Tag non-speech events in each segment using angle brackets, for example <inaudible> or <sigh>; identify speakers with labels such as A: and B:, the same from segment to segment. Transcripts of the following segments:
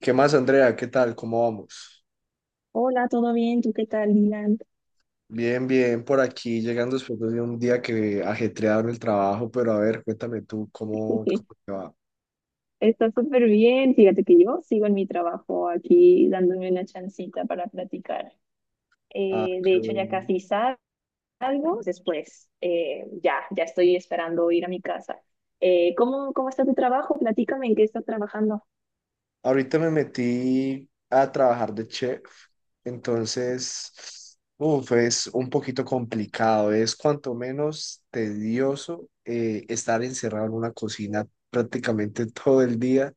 A: ¿Qué más, Andrea? ¿Qué tal? ¿Cómo vamos?
B: Hola, ¿todo bien? ¿Tú qué tal, Dylan?
A: Bien, bien, por aquí, llegando después de un día que ajetreado en el trabajo, pero a ver, cuéntame tú, ¿cómo
B: <laughs>
A: te va?
B: Está súper bien. Fíjate que yo sigo en mi trabajo aquí dándome una chancita para platicar.
A: Ah,
B: De
A: qué
B: hecho, ya
A: bueno.
B: casi salgo. Después, ya estoy esperando ir a mi casa. ¿Cómo está tu trabajo? Platícame en qué estás trabajando.
A: Ahorita me metí a trabajar de chef, entonces, uf, es un poquito complicado, es cuanto menos tedioso estar encerrado en una cocina prácticamente <laughs> todo el día,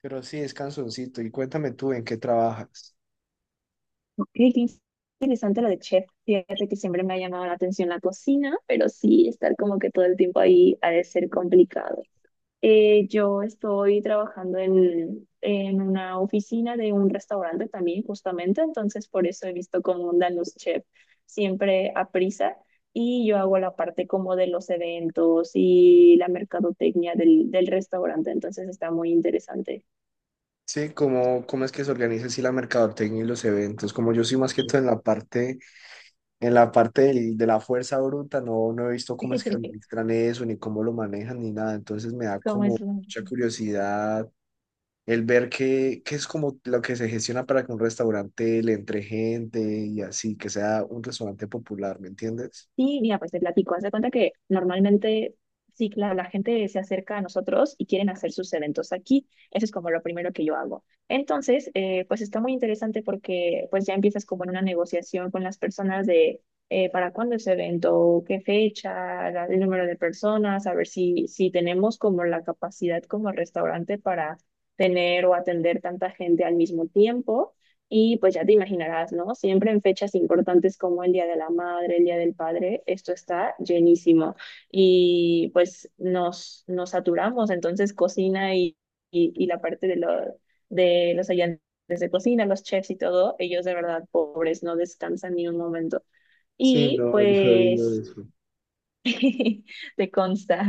A: pero sí, es cansoncito. Y cuéntame tú, ¿en qué trabajas?
B: Ok, qué interesante lo de chef. Fíjate que siempre me ha llamado la atención la cocina, pero sí, estar como que todo el tiempo ahí ha de ser complicado. Yo estoy trabajando en una oficina de un restaurante también, justamente, entonces por eso he visto cómo andan los chefs siempre a prisa y yo hago la parte como de los eventos y la mercadotecnia del restaurante, entonces está muy interesante.
A: Sí, cómo es que se organiza así la mercadotecnia y los eventos. Como yo soy más que todo en la parte de la fuerza bruta, no, no he visto cómo es que
B: <laughs>
A: administran eso, ni cómo lo manejan, ni nada. Entonces me da
B: ¿Cómo es?
A: como mucha curiosidad el ver qué es como lo que se gestiona para que un restaurante le entre gente y así, que sea un restaurante popular, ¿me entiendes?
B: Sí, mira, pues te platico. Haz de cuenta que normalmente, sí, claro, la gente se acerca a nosotros y quieren hacer sus eventos aquí. Eso es como lo primero que yo hago. Entonces, pues está muy interesante porque pues ya empiezas como en una negociación con las personas de para cuándo es evento, qué fecha, el número de personas, a ver si tenemos como la capacidad como restaurante para tener o atender tanta gente al mismo tiempo. Y pues ya te imaginarás, ¿no? Siempre en fechas importantes como el Día de la Madre, el Día del Padre, esto está llenísimo. Y pues nos saturamos, entonces cocina y la parte de los ayudantes de cocina, los chefs y todo, ellos de verdad pobres, no descansan ni un momento.
A: Sí,
B: Y
A: no, yo digo
B: pues
A: eso.
B: <laughs> te consta.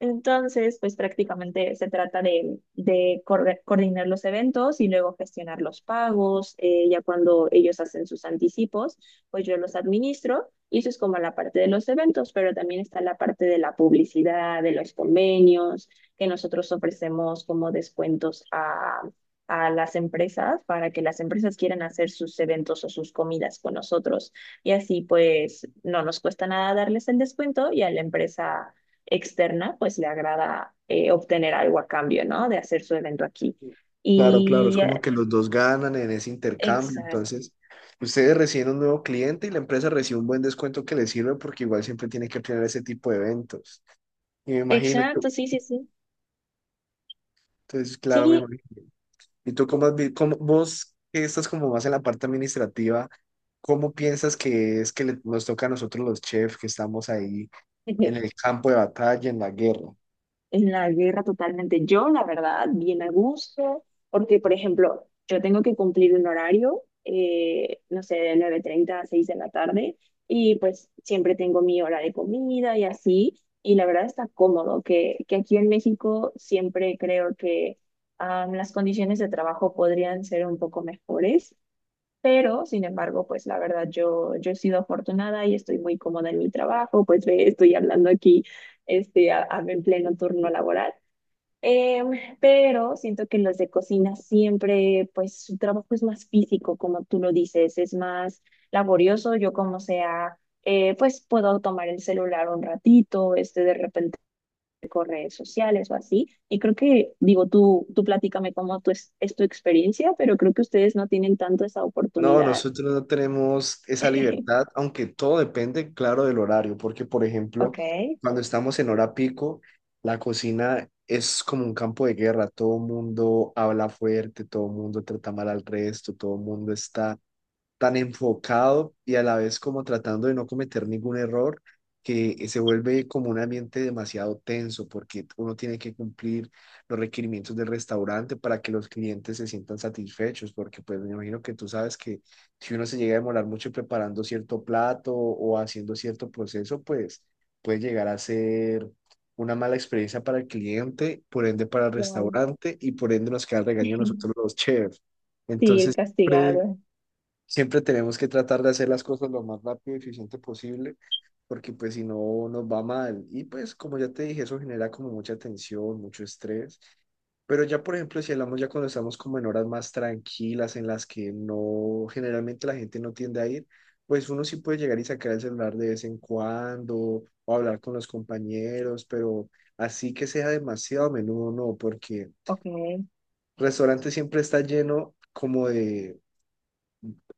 B: Entonces, pues prácticamente se trata de coordinar los eventos y luego gestionar los pagos. Ya cuando ellos hacen sus anticipos, pues yo los administro y eso es como la parte de los eventos, pero también está la parte de la publicidad, de los convenios, que nosotros ofrecemos como descuentos a las empresas para que las empresas quieran hacer sus eventos o sus comidas con nosotros. Y así pues no nos cuesta nada darles el descuento y a la empresa externa, pues le agrada obtener algo a cambio, ¿no? De hacer su evento aquí.
A: Claro, claro, es
B: Y
A: como que los dos ganan en ese intercambio.
B: exacto,
A: Entonces, ustedes reciben un nuevo cliente y la empresa recibe un buen descuento que les sirve porque igual siempre tiene que planear ese tipo de eventos. Y me imagino,
B: exacto, sí, sí, sí.
A: entonces, claro, me
B: Sí,
A: imagino. ¿Y tú cómo, has vi- cómo- vos que estás como más en la parte administrativa, cómo piensas que es que nos toca a nosotros los chefs que estamos ahí en
B: <laughs>
A: el campo de batalla, en la guerra?
B: en la guerra totalmente. Yo, la verdad, bien a gusto, porque, por ejemplo, yo tengo que cumplir un horario, no sé, de 9:30 a 6 de la tarde, y pues siempre tengo mi hora de comida y así, y la verdad está cómodo, que aquí en México siempre creo que las condiciones de trabajo podrían ser un poco mejores, pero, sin embargo, pues la verdad yo he sido afortunada y estoy muy cómoda en mi trabajo, pues ve, estoy hablando aquí en pleno turno laboral. Em, pero siento que los de cocina siempre, pues su trabajo es más físico, como tú lo dices, es más laborioso. Yo como sea, pues puedo tomar el celular un ratito, de repente con redes sociales o así. Y creo que, digo, tú platícame cómo tú es tu experiencia, pero creo que ustedes no tienen tanto esa
A: No,
B: oportunidad.
A: nosotros no tenemos esa libertad, aunque todo depende, claro, del horario, porque, por
B: Ok,
A: ejemplo, cuando estamos en hora pico, la cocina es como un campo de guerra, todo el mundo habla fuerte, todo el mundo trata mal al resto, todo el mundo está tan enfocado y a la vez como tratando de no cometer ningún error, que se vuelve como un ambiente demasiado tenso porque uno tiene que cumplir los requerimientos del restaurante para que los clientes se sientan satisfechos, porque pues me imagino que tú sabes que si uno se llega a demorar mucho preparando cierto plato o haciendo cierto proceso, pues puede llegar a ser una mala experiencia para el cliente, por ende para el
B: claro.
A: restaurante y por ende nos queda el regaño a nosotros
B: <laughs>
A: los chefs.
B: Sí, el
A: Entonces, siempre
B: castigado.
A: Siempre tenemos que tratar de hacer las cosas lo más rápido y eficiente posible, porque pues si no nos va mal. Y pues como ya te dije, eso genera como mucha tensión, mucho estrés. Pero ya por ejemplo, si hablamos ya cuando estamos como en horas más tranquilas, en las que no, generalmente la gente no tiende a ir, pues uno sí puede llegar y sacar el celular de vez en cuando o hablar con los compañeros, pero así que sea demasiado a menudo, no, porque
B: Ok,
A: restaurante siempre está lleno como de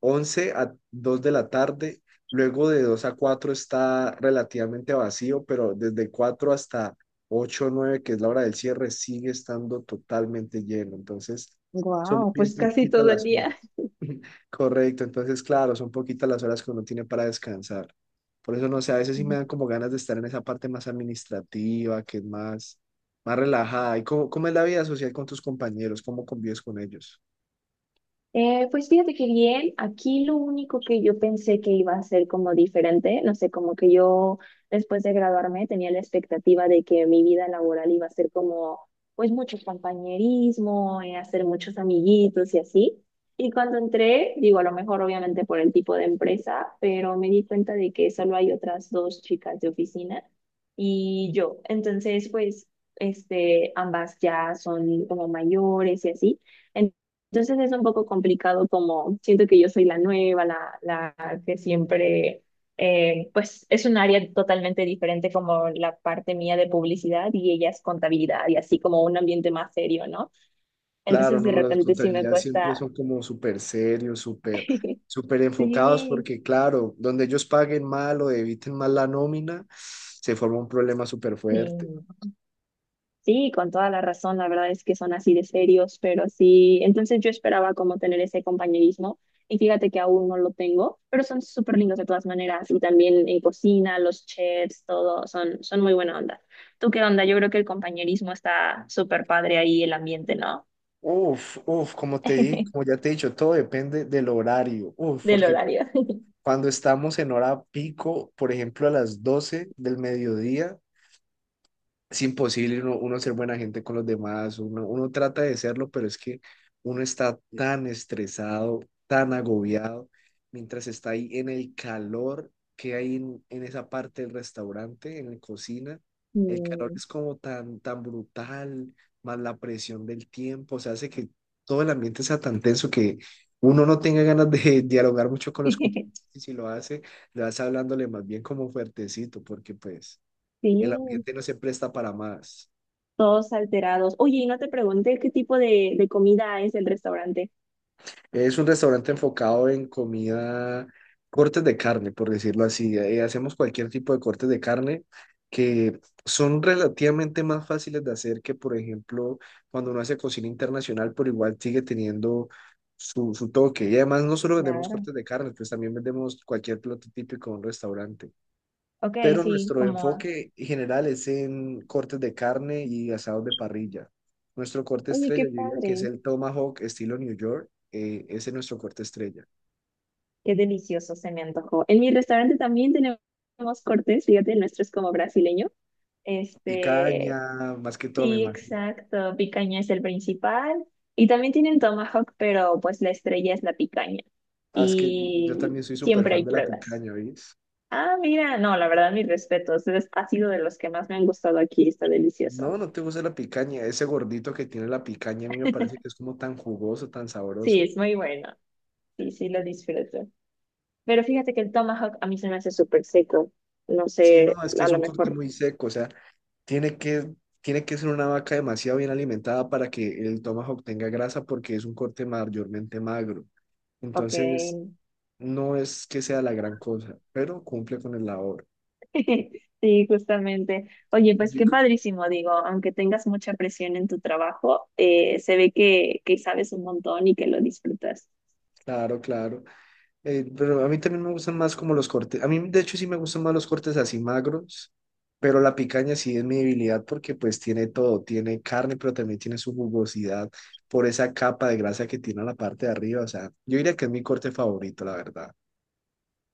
A: 11 a 2 de la tarde. Luego de 2 a 4 está relativamente vacío, pero desde 4 hasta 8 o 9, que es la hora del cierre, sigue estando totalmente lleno. Entonces, son
B: wow,
A: bien
B: pues casi
A: poquitas
B: todo el
A: las horas.
B: día.
A: <laughs> Correcto, entonces, claro, son poquitas las horas que uno tiene para descansar. Por eso, no sé, a veces sí me dan como ganas de estar en esa parte más administrativa, que es más, más relajada. ¿Y cómo es la vida social con tus compañeros? ¿Cómo convives con ellos?
B: Pues fíjate que bien, aquí lo único que yo pensé que iba a ser como diferente, no sé, como que yo después de graduarme tenía la expectativa de que mi vida laboral iba a ser como, pues mucho compañerismo, hacer muchos amiguitos y así. Y cuando entré, digo, a lo mejor obviamente por el tipo de empresa, pero me di cuenta de que solo hay otras dos chicas de oficina y yo. Entonces, pues, ambas ya son como mayores y así. Entonces es un poco complicado como siento que yo soy la nueva, la que siempre, pues es un área totalmente diferente como la parte mía de publicidad y ella es contabilidad y así como un ambiente más serio, ¿no?
A: Claro,
B: Entonces de
A: no, las
B: repente sí me
A: contabilidades siempre
B: cuesta.
A: son como súper serios, súper,
B: <laughs>
A: súper enfocados,
B: Sí,
A: porque claro, donde ellos paguen mal o eviten mal la nómina, se forma un problema súper
B: sí.
A: fuerte.
B: Sí, con toda la razón, la verdad es que son así de serios, pero sí, entonces yo esperaba como tener ese compañerismo y fíjate que aún no lo tengo, pero son súper lindos de todas maneras y también en cocina, los chefs, todo, son muy buena onda. ¿Tú qué onda? Yo creo que el compañerismo está súper padre ahí, el ambiente, ¿no?
A: Uf, uf, como te di, como
B: <laughs>
A: ya te he dicho, todo depende del horario. Uf,
B: Del
A: porque
B: horario. <laughs>
A: cuando estamos en hora pico, por ejemplo, a las 12 del mediodía, es imposible uno ser buena gente con los demás, uno trata de serlo, pero es que uno está tan estresado, tan agobiado, mientras está ahí en el calor que hay en esa parte del restaurante, en la cocina, el calor
B: Mm.
A: es como tan, tan brutal, más la presión del tiempo, o sea, hace que todo el ambiente sea tan tenso que uno no tenga ganas de <laughs> dialogar mucho con los compañeros,
B: <laughs>
A: y si lo hace, le vas hablándole más bien como fuertecito, porque pues el
B: Sí,
A: ambiente no se presta para más.
B: todos alterados. Oye, y no te pregunté qué tipo de comida es el restaurante.
A: Es un restaurante enfocado en comida, cortes de carne, por decirlo así. Hacemos cualquier tipo de cortes de carne que son relativamente más fáciles de hacer que, por ejemplo, cuando uno hace cocina internacional, pero igual sigue teniendo su toque. Y además no solo vendemos
B: Claro.
A: cortes de carne, pues también vendemos cualquier plato típico de un restaurante.
B: Ok,
A: Pero
B: sí,
A: nuestro
B: como...
A: enfoque general es en cortes de carne y asados de parrilla. Nuestro corte
B: Oye,
A: estrella,
B: qué
A: yo diría que es
B: padre.
A: el Tomahawk estilo New York, ese es nuestro corte estrella.
B: Qué delicioso se me antojó. En mi restaurante también tenemos cortes, fíjate, el nuestro es como brasileño. Este,
A: Picaña, más que todo, me
B: sí,
A: imagino.
B: exacto, picaña es el principal. Y también tienen tomahawk, pero pues la estrella es la picaña.
A: Ah, es que yo también
B: Y
A: soy súper
B: siempre
A: fan
B: hay
A: de la
B: pruebas.
A: picaña, ¿ves?
B: Ah, mira, no, la verdad, mis respetos. Ha sido de los que más me han gustado aquí, está delicioso.
A: No, no te gusta la picaña, ese gordito que tiene la picaña a mí me parece que es como tan jugoso, tan
B: Sí,
A: sabroso.
B: es muy bueno. Sí, sí, lo disfruto. Pero fíjate que el tomahawk a mí se me hace súper seco. No
A: Sí, no,
B: sé,
A: es que
B: a
A: es
B: lo
A: un corte
B: mejor,
A: muy seco, o sea, tiene que, tiene que ser una vaca demasiado bien alimentada para que el tomahawk tenga grasa porque es un corte mayormente magro.
B: ok.
A: Entonces, no es que sea la gran cosa, pero cumple con el labor.
B: <laughs> Sí, justamente. Oye, pues qué
A: Yo-
B: padrísimo, digo, aunque tengas mucha presión en tu trabajo, se ve que, sabes un montón y que lo disfrutas.
A: Claro, claro. Pero a mí también me gustan más como los cortes. A mí, de hecho, sí me gustan más los cortes así magros, pero la picaña sí es mi debilidad porque pues tiene todo. Tiene carne, pero también tiene su jugosidad por esa capa de grasa que tiene a la parte de arriba. O sea, yo diría que es mi corte favorito, la verdad.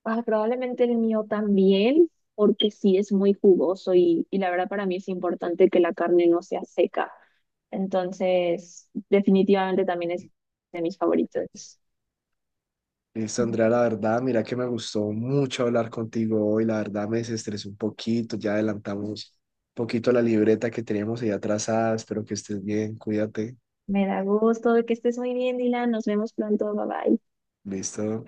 B: Ah, probablemente el mío también, porque sí es muy jugoso y la verdad para mí es importante que la carne no sea seca. Entonces, definitivamente también es de mis favoritos.
A: Listo, Andrea, la verdad, mira que me gustó mucho hablar contigo hoy, la verdad me desestresé un poquito, ya adelantamos un poquito la libreta que teníamos ahí atrasada, espero que estés bien, cuídate,
B: Me da gusto de que estés muy bien, Dylan. Nos vemos pronto. Bye bye.
A: listo.